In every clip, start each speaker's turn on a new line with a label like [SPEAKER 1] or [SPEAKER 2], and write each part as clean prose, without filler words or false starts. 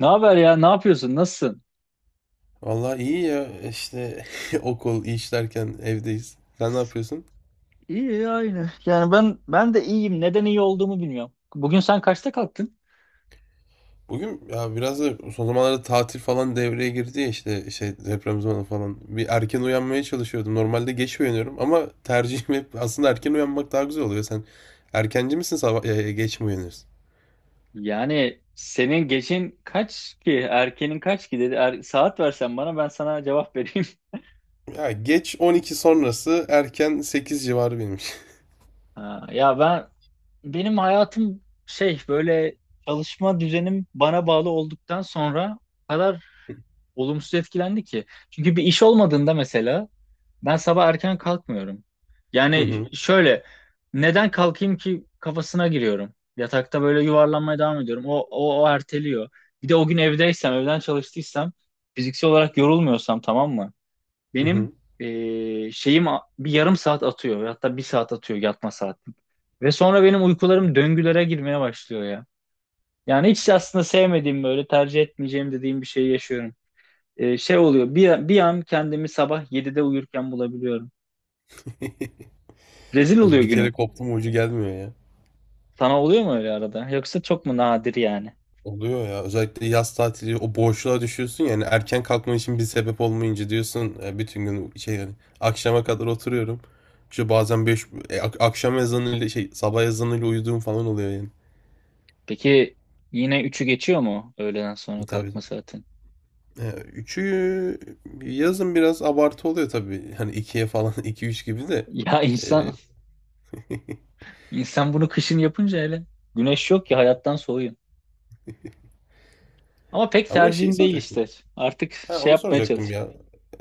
[SPEAKER 1] Ne haber ya? Ne yapıyorsun? Nasılsın?
[SPEAKER 2] Vallahi iyi ya işte. Okul, iş derken evdeyiz. Sen ne yapıyorsun?
[SPEAKER 1] İyi aynı. Yani ben de iyiyim. Neden iyi olduğumu bilmiyorum. Bugün sen kaçta kalktın?
[SPEAKER 2] Bugün ya biraz da son zamanlarda tatil falan devreye girdi ya işte şey deprem zamanı falan. Bir erken uyanmaya çalışıyordum. Normalde geç uyanıyorum ama tercihim hep aslında erken uyanmak daha güzel oluyor. Sen erkenci misin sabah geç mi uyanıyorsun?
[SPEAKER 1] Yani senin geçin kaç ki? Erkenin kaç ki dedi. Saat versen bana ben sana cevap vereyim.
[SPEAKER 2] Ya geç 12 sonrası erken 8 civarı benim için.
[SPEAKER 1] Ha, ya ben benim hayatım şey böyle çalışma düzenim bana bağlı olduktan sonra o kadar olumsuz etkilendi ki. Çünkü bir iş olmadığında mesela ben sabah erken kalkmıyorum.
[SPEAKER 2] Hı
[SPEAKER 1] Yani
[SPEAKER 2] hı,
[SPEAKER 1] şöyle neden kalkayım ki kafasına giriyorum. Yatakta böyle yuvarlanmaya devam ediyorum. O erteliyor. Bir de o gün evdeysem, evden çalıştıysam, fiziksel olarak yorulmuyorsam tamam mı?
[SPEAKER 2] hı
[SPEAKER 1] Benim
[SPEAKER 2] hı.
[SPEAKER 1] bir yarım saat atıyor. Hatta bir saat atıyor yatma saatim. Ve sonra benim uykularım döngülere girmeye başlıyor ya. Yani hiç aslında sevmediğim böyle tercih etmeyeceğim dediğim bir şeyi yaşıyorum. Şey oluyor. Bir an kendimi sabah 7'de uyurken bulabiliyorum. Rezil oluyor
[SPEAKER 2] Bir kere
[SPEAKER 1] günün.
[SPEAKER 2] koptum, ucu gelmiyor.
[SPEAKER 1] Sana oluyor mu öyle arada? Yoksa çok mu nadir yani?
[SPEAKER 2] Oluyor ya. Özellikle yaz tatili o boşluğa düşüyorsun yani erken kalkman için bir sebep olmayınca diyorsun bütün gün şey yani akşama kadar oturuyorum. İşte bazen 5 akşam ezanıyla şey sabah ezanıyla uyuduğum falan oluyor yani.
[SPEAKER 1] Peki yine üçü geçiyor mu öğleden sonra kalkma
[SPEAKER 2] Tabii.
[SPEAKER 1] saatin?
[SPEAKER 2] Üçü yazın biraz abartı oluyor tabii. Hani ikiye falan, iki üç gibi de.
[SPEAKER 1] Ya
[SPEAKER 2] E,
[SPEAKER 1] insan insan bunu kışın yapınca hele güneş yok ya hayattan soğuyun. Ama pek
[SPEAKER 2] ama şeyi
[SPEAKER 1] tercihim değil
[SPEAKER 2] soracak.
[SPEAKER 1] işte. Artık
[SPEAKER 2] Ha,
[SPEAKER 1] şey
[SPEAKER 2] onu
[SPEAKER 1] yapmaya
[SPEAKER 2] soracaktım
[SPEAKER 1] çalış.
[SPEAKER 2] ya.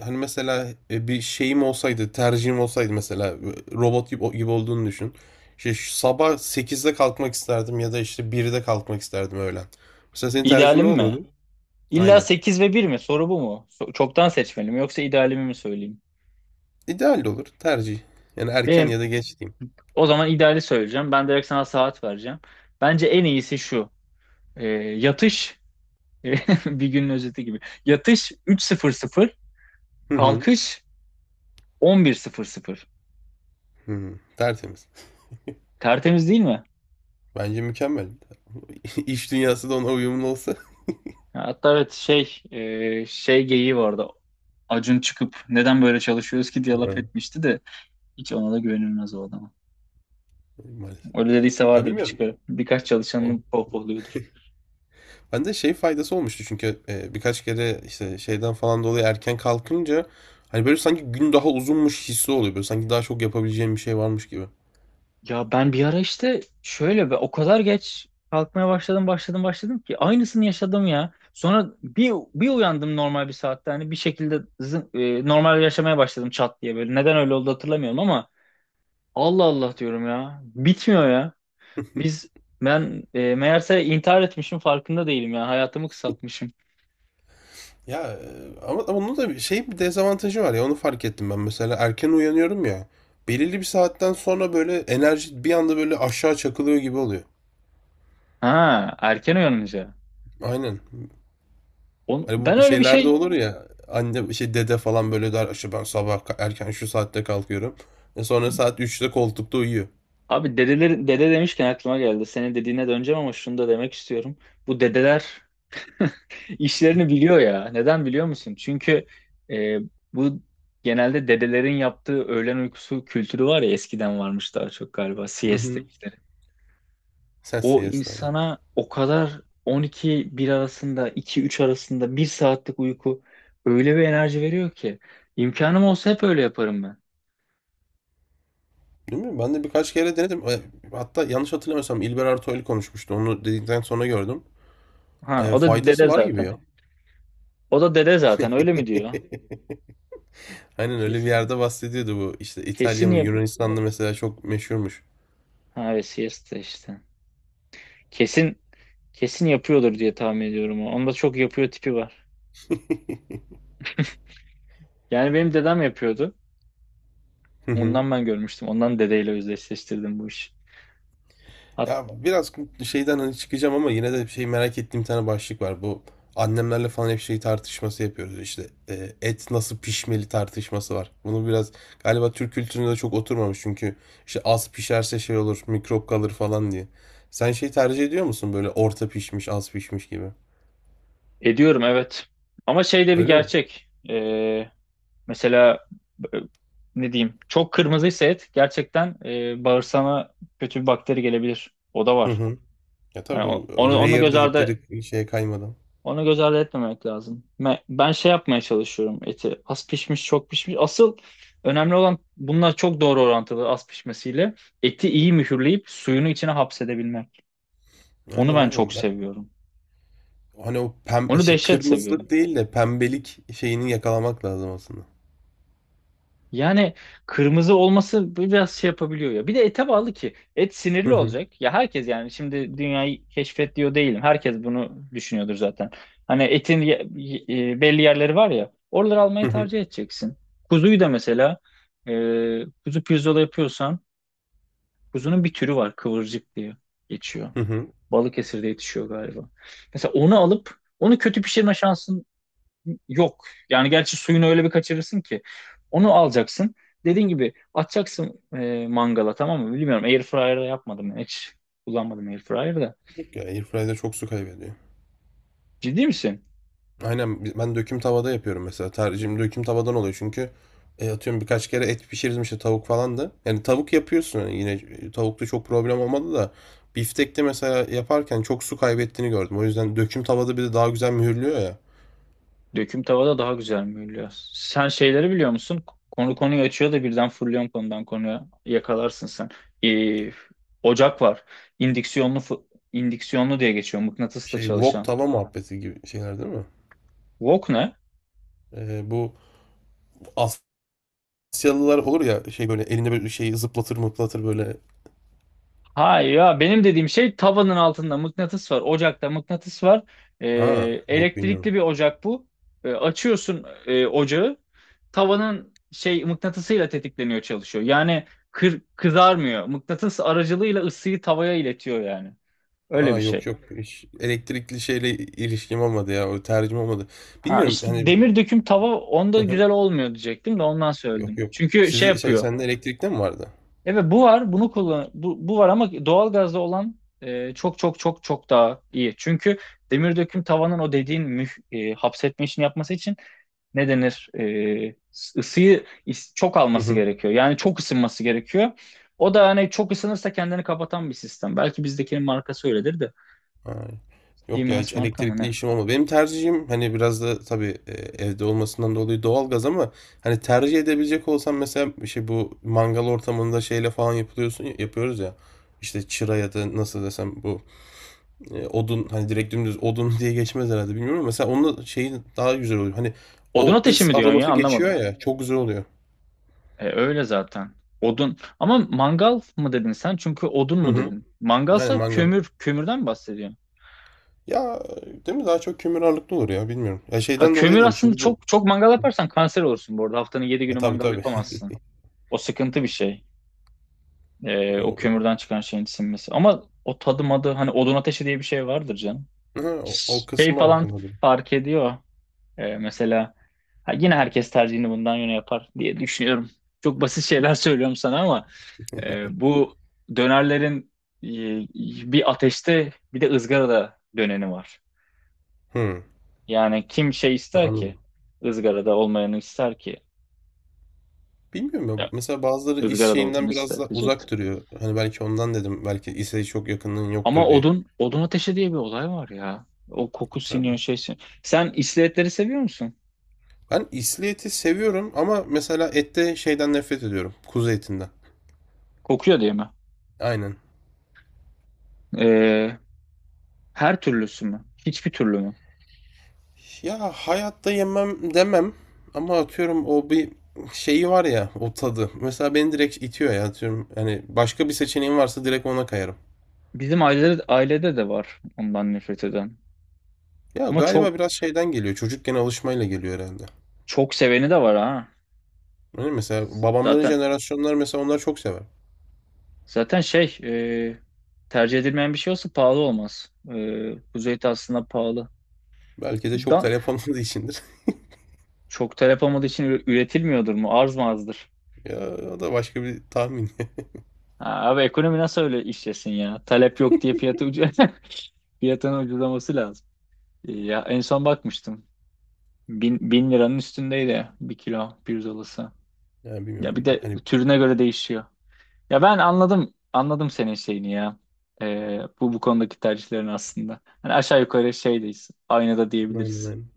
[SPEAKER 2] Hani mesela bir şeyim olsaydı, tercihim olsaydı mesela robot gibi olduğunu düşün. İşte şu sabah 8'de kalkmak isterdim ya da işte 1'de kalkmak isterdim öğlen. Mesela senin tercihin ne
[SPEAKER 1] İdealim mi?
[SPEAKER 2] olurdu?
[SPEAKER 1] İlla
[SPEAKER 2] Aynen.
[SPEAKER 1] 8 ve bir mi? Soru bu mu? Çoktan seçmeli mi? Yoksa idealimi mi söyleyeyim?
[SPEAKER 2] İdeal de olur tercih. Yani erken
[SPEAKER 1] Benim
[SPEAKER 2] ya da geç diyeyim.
[SPEAKER 1] o zaman ideali söyleyeceğim. Ben direkt sana saat vereceğim. Bence en iyisi şu. E, yatış e, bir günün özeti gibi. Yatış 3.00,
[SPEAKER 2] Hı hı.
[SPEAKER 1] kalkış 11.00.
[SPEAKER 2] Hı hı, tertemiz.
[SPEAKER 1] Tertemiz değil mi?
[SPEAKER 2] Bence mükemmel. İş dünyası da ona uyumlu olsa.
[SPEAKER 1] Hatta evet şey şey geyiği vardı. Acun çıkıp neden böyle çalışıyoruz ki diye laf
[SPEAKER 2] Evet.
[SPEAKER 1] etmişti de hiç ona da güvenilmez o adama.
[SPEAKER 2] Maalesef.
[SPEAKER 1] Öyle dediyse
[SPEAKER 2] Ya
[SPEAKER 1] vardır bir
[SPEAKER 2] bilmiyorum.
[SPEAKER 1] çıkarı. Birkaç çalışanını pohpohluyordur.
[SPEAKER 2] Bende şey faydası olmuştu çünkü birkaç kere işte şeyden falan dolayı erken kalkınca hani böyle sanki gün daha uzunmuş hissi oluyor. Böyle sanki daha çok yapabileceğim bir şey varmış gibi.
[SPEAKER 1] Ya ben bir ara işte şöyle ve o kadar geç kalkmaya başladım ki aynısını yaşadım ya. Sonra bir uyandım normal bir saatte hani bir şekilde normal yaşamaya başladım çat diye böyle. Neden öyle oldu hatırlamıyorum ama Allah Allah diyorum ya. Bitmiyor ya. Biz ben meğerse intihar etmişim farkında değilim ya. Hayatımı kısaltmışım.
[SPEAKER 2] Ya ama onun da şey bir dezavantajı var ya, onu fark ettim ben. Mesela erken uyanıyorum ya. Belirli bir saatten sonra böyle enerji bir anda böyle aşağı çakılıyor gibi oluyor.
[SPEAKER 1] Ha, erken uyanınca.
[SPEAKER 2] Aynen.
[SPEAKER 1] On,
[SPEAKER 2] Hani
[SPEAKER 1] ben
[SPEAKER 2] bu
[SPEAKER 1] öyle bir
[SPEAKER 2] şeylerde
[SPEAKER 1] şey.
[SPEAKER 2] olur ya, anne şey dede falan böyle der işte ben sabah erken şu saatte kalkıyorum. Sonra saat 3'te koltukta uyuyor.
[SPEAKER 1] Abi dedeler, dede demişken aklıma geldi. Senin dediğine döneceğim ama şunu da demek istiyorum. Bu dedeler İşlerini biliyor ya. Neden biliyor musun? Çünkü e, bu genelde dedelerin yaptığı öğlen uykusu kültürü var ya, eskiden varmış daha çok galiba, siesta işleri.
[SPEAKER 2] Ses
[SPEAKER 1] O
[SPEAKER 2] CS'de aynı.
[SPEAKER 1] insana o kadar 12-1 arasında, 2-3 arasında bir saatlik uyku öyle bir enerji veriyor ki, imkanım olsa hep öyle yaparım ben.
[SPEAKER 2] Değil mi? Ben de birkaç kere denedim. Hatta yanlış hatırlamıyorsam İlber Ortaylı konuşmuştu. Onu dedikten sonra gördüm.
[SPEAKER 1] Ha o da
[SPEAKER 2] Faydası
[SPEAKER 1] dede
[SPEAKER 2] var gibi
[SPEAKER 1] zaten.
[SPEAKER 2] ya.
[SPEAKER 1] O da dede zaten öyle mi diyor?
[SPEAKER 2] Aynen, öyle bir
[SPEAKER 1] Kesin,
[SPEAKER 2] yerde bahsediyordu bu. İşte İtalya
[SPEAKER 1] kesin
[SPEAKER 2] mı
[SPEAKER 1] yap.
[SPEAKER 2] Yunanistan'da mesela çok meşhurmuş.
[SPEAKER 1] Ha evet, siesta işte. Kesin kesin yapıyordur diye tahmin ediyorum o. Onda çok yapıyor tipi var. Yani benim dedem yapıyordu. Ondan ben görmüştüm. Ondan dedeyle özdeşleştirdim bu işi. Hat
[SPEAKER 2] Ya biraz şeyden hani çıkacağım ama yine de şey merak ettiğim bir tane başlık var. Bu annemlerle falan hep şey tartışması yapıyoruz işte. Et nasıl pişmeli tartışması var. Bunu biraz galiba Türk kültürüne de çok oturmamış çünkü işte az pişerse şey olur, mikrop kalır falan diye. Sen şey tercih ediyor musun böyle orta pişmiş, az pişmiş gibi?
[SPEAKER 1] ediyorum evet. Ama şey de bir
[SPEAKER 2] Öyle mi?
[SPEAKER 1] gerçek. Mesela e, ne diyeyim? Çok kırmızıysa et, gerçekten bağırsağına kötü bir bakteri gelebilir. O da
[SPEAKER 2] Hı
[SPEAKER 1] var.
[SPEAKER 2] hı. Ya
[SPEAKER 1] Yani
[SPEAKER 2] tabii o,
[SPEAKER 1] onu
[SPEAKER 2] rare
[SPEAKER 1] göz ardı,
[SPEAKER 2] dedikleri şeye kaymadan.
[SPEAKER 1] onu göz ardı etmemek lazım. Ben şey yapmaya çalışıyorum eti. Az pişmiş, çok pişmiş. Asıl önemli olan bunlar, çok doğru orantılı az pişmesiyle. Eti iyi mühürleyip suyunu içine hapsedebilmek. Onu
[SPEAKER 2] Aynen
[SPEAKER 1] ben çok
[SPEAKER 2] aynen. Ben,
[SPEAKER 1] seviyorum.
[SPEAKER 2] hani o pembe
[SPEAKER 1] Onu
[SPEAKER 2] şey,
[SPEAKER 1] dehşet seviyorum.
[SPEAKER 2] kırmızılık değil de pembelik şeyini yakalamak lazım aslında.
[SPEAKER 1] Yani kırmızı olması biraz şey yapabiliyor ya. Bir de ete bağlı ki. Et
[SPEAKER 2] Hı
[SPEAKER 1] sinirli
[SPEAKER 2] hı.
[SPEAKER 1] olacak. Ya herkes, yani şimdi dünyayı keşfet diyor değilim. Herkes bunu düşünüyordur zaten. Hani etin belli yerleri var ya. Oraları almayı
[SPEAKER 2] Hı hı.
[SPEAKER 1] tercih edeceksin. Kuzuyu da mesela e, kuzu pirzola yapıyorsan, kuzunun bir türü var, kıvırcık diye geçiyor.
[SPEAKER 2] Hı hı.
[SPEAKER 1] Balıkesir'de yetişiyor galiba. Mesela onu alıp onu kötü pişirme şansın yok. Yani gerçi suyunu öyle bir kaçırırsın ki. Onu alacaksın. Dediğin gibi atacaksın mangala, tamam mı? Bilmiyorum. Air yapmadım ben. Hiç kullanmadım air.
[SPEAKER 2] Ya airfryer'da çok su kaybediyor.
[SPEAKER 1] Ciddi misin?
[SPEAKER 2] Aynen, ben döküm tavada yapıyorum mesela. Tercihim döküm tavadan oluyor çünkü atıyorum birkaç kere et pişirdim işte, tavuk falan da. Yani tavuk yapıyorsun hani, yine tavukta çok problem olmadı da biftekte mesela yaparken çok su kaybettiğini gördüm. O yüzden döküm tavada bir de daha güzel mühürlüyor ya.
[SPEAKER 1] Döküm tavada daha güzel mühürlüyor. Sen şeyleri biliyor musun? Konu konuyu açıyor da birden fırlıyorsun konudan konuya. Yakalarsın sen. E, ocak var. İndüksiyonlu, indüksiyonlu diye geçiyor. Mıknatısla
[SPEAKER 2] Şey, wok
[SPEAKER 1] çalışan.
[SPEAKER 2] tava muhabbeti gibi şeyler değil mi?
[SPEAKER 1] Wok ne?
[SPEAKER 2] Bu Asyalılar olur ya, şey böyle elinde böyle şeyi zıplatır mıplatır böyle.
[SPEAKER 1] Hayır ya, benim dediğim şey, tavanın altında mıknatıs var. Ocakta mıknatıs var. Ee,
[SPEAKER 2] Ha yok,
[SPEAKER 1] elektrikli
[SPEAKER 2] bilmiyorum.
[SPEAKER 1] bir ocak bu. Açıyorsun ocağı. Tavanın şey mıknatısıyla tetikleniyor, çalışıyor. Yani kızarmıyor. Mıknatıs aracılığıyla ısıyı tavaya iletiyor yani. Öyle
[SPEAKER 2] Aa,
[SPEAKER 1] bir
[SPEAKER 2] yok
[SPEAKER 1] şey.
[SPEAKER 2] yok. Hiç elektrikli şeyle ilişkim olmadı ya. O tercih olmadı.
[SPEAKER 1] Ha
[SPEAKER 2] Bilmiyorum
[SPEAKER 1] işte
[SPEAKER 2] hani.
[SPEAKER 1] demir döküm tava onda
[SPEAKER 2] Hı hı.
[SPEAKER 1] güzel olmuyor diyecektim de ondan
[SPEAKER 2] Yok
[SPEAKER 1] söyledim.
[SPEAKER 2] yok.
[SPEAKER 1] Çünkü şey
[SPEAKER 2] Sizin şey,
[SPEAKER 1] yapıyor.
[SPEAKER 2] sende elektrikte mi vardı?
[SPEAKER 1] Evet bu var, bunu kullan, bu, var, ama doğalgazda olan çok çok çok çok daha iyi. Çünkü demir döküm tavanın o dediğin hapsetme işini yapması için ne denir? Isıyı çok
[SPEAKER 2] Hı
[SPEAKER 1] alması
[SPEAKER 2] hı.
[SPEAKER 1] gerekiyor. Yani çok ısınması gerekiyor. O da hani çok ısınırsa kendini kapatan bir sistem. Belki bizdekinin markası öyledir de.
[SPEAKER 2] Ha. Yok ya, hiç
[SPEAKER 1] Siemens marka mı
[SPEAKER 2] elektrikli
[SPEAKER 1] ne?
[SPEAKER 2] işim olmadı. Benim tercihim hani biraz da tabii evde olmasından dolayı doğalgaz, ama hani tercih edebilecek olsam mesela şey, bu mangal ortamında şeyle falan yapılıyorsun yapıyoruz ya. İşte çıra ya da nasıl desem bu odun hani, direkt dümdüz odun diye geçmez herhalde bilmiyorum ama mesela onun şeyi daha güzel oluyor. Hani
[SPEAKER 1] Odun
[SPEAKER 2] o
[SPEAKER 1] ateşi
[SPEAKER 2] is
[SPEAKER 1] mi diyorsun ya?
[SPEAKER 2] aroması
[SPEAKER 1] Anlamadım.
[SPEAKER 2] geçiyor ya, çok güzel oluyor.
[SPEAKER 1] E, öyle zaten. Odun. Ama mangal mı dedin sen? Çünkü odun
[SPEAKER 2] Hı
[SPEAKER 1] mu
[SPEAKER 2] hı.
[SPEAKER 1] dedin?
[SPEAKER 2] Yani
[SPEAKER 1] Mangalsa
[SPEAKER 2] mangal.
[SPEAKER 1] kömür, kömürden mi bahsediyorsun?
[SPEAKER 2] Ya değil mi, daha çok kömür ağırlıklı olur ya, bilmiyorum. Ya
[SPEAKER 1] Ha,
[SPEAKER 2] şeyden dolayı
[SPEAKER 1] kömür
[SPEAKER 2] dedim
[SPEAKER 1] aslında,
[SPEAKER 2] çünkü bu,
[SPEAKER 1] çok çok mangal yaparsan kanser olursun bu arada. Haftanın yedi
[SPEAKER 2] ya
[SPEAKER 1] günü
[SPEAKER 2] tabii
[SPEAKER 1] mangal
[SPEAKER 2] tabii.
[SPEAKER 1] yapamazsın. O sıkıntı bir şey. O
[SPEAKER 2] O,
[SPEAKER 1] kömürden çıkan şeyin sinmesi. Ama o tadı madı, hani odun ateşi diye bir şey vardır canım.
[SPEAKER 2] ha, o
[SPEAKER 1] Şey
[SPEAKER 2] kısmı
[SPEAKER 1] falan
[SPEAKER 2] aslında bir.
[SPEAKER 1] fark ediyor. Mesela ha, yine herkes tercihini bundan yöne yapar diye düşünüyorum. Çok basit şeyler söylüyorum sana ama bu dönerlerin e, bir ateşte, bir de ızgarada döneni var.
[SPEAKER 2] Hı,
[SPEAKER 1] Yani kim şey ister
[SPEAKER 2] anladım.
[SPEAKER 1] ki? Izgarada olmayanı ister ki.
[SPEAKER 2] Bilmiyorum
[SPEAKER 1] E,
[SPEAKER 2] ya. Mesela bazıları is
[SPEAKER 1] Izgarada olduğunu
[SPEAKER 2] şeyinden biraz
[SPEAKER 1] ister
[SPEAKER 2] da
[SPEAKER 1] diyecektim.
[SPEAKER 2] uzak duruyor. Hani belki ondan dedim. Belki ise çok yakınlığın
[SPEAKER 1] Ama
[SPEAKER 2] yoktur diye.
[SPEAKER 1] odun, odun ateşi diye bir olay var ya. O koku
[SPEAKER 2] Tabii.
[SPEAKER 1] siniyor, şey siniyor. Sen iskeletleri seviyor musun?
[SPEAKER 2] Ben isli eti seviyorum ama mesela ette şeyden nefret ediyorum. Kuzu etinden.
[SPEAKER 1] Kokuyor diye mi?
[SPEAKER 2] Aynen.
[SPEAKER 1] Ee, her türlüsü mü? Hiçbir türlü mü?
[SPEAKER 2] Ya hayatta yemem demem ama atıyorum o bir şeyi var ya, o tadı. Mesela beni direkt itiyor ya, atıyorum. Hani başka bir seçeneğim varsa direkt ona kayarım.
[SPEAKER 1] Bizim ailede de var ondan nefret eden.
[SPEAKER 2] Ya
[SPEAKER 1] Ama çok
[SPEAKER 2] galiba biraz şeyden geliyor. Çocukken alışmayla geliyor herhalde.
[SPEAKER 1] çok seveni de var ha.
[SPEAKER 2] Hani mesela babamların
[SPEAKER 1] Zaten
[SPEAKER 2] jenerasyonlar, mesela onlar çok sever.
[SPEAKER 1] zaten şey e, tercih edilmeyen bir şey olsa pahalı olmaz. E, kuzey aslında pahalı.
[SPEAKER 2] Belki de çok
[SPEAKER 1] Dan,
[SPEAKER 2] talep olmadığı içindir.
[SPEAKER 1] çok talep olmadığı için üretilmiyordur mu? Arz mı azdır?
[SPEAKER 2] Ya o da başka bir tahmin.
[SPEAKER 1] Ha, abi ekonomi nasıl öyle işlesin ya? Talep yok diye fiyatı ucu fiyatının ucuzlaması lazım. E, ya en son bakmıştım. 1.000 liranın üstündeydi bir kilo pirzolası.
[SPEAKER 2] Ya
[SPEAKER 1] Ya bir
[SPEAKER 2] bilmiyorum.
[SPEAKER 1] de
[SPEAKER 2] Hani
[SPEAKER 1] türüne göre değişiyor. Ya ben anladım, anladım senin şeyini ya. Bu bu konudaki tercihlerin aslında. Hani aşağı yukarı şeydeyiz. Aynı da
[SPEAKER 2] aynen aynen.
[SPEAKER 1] diyebiliriz.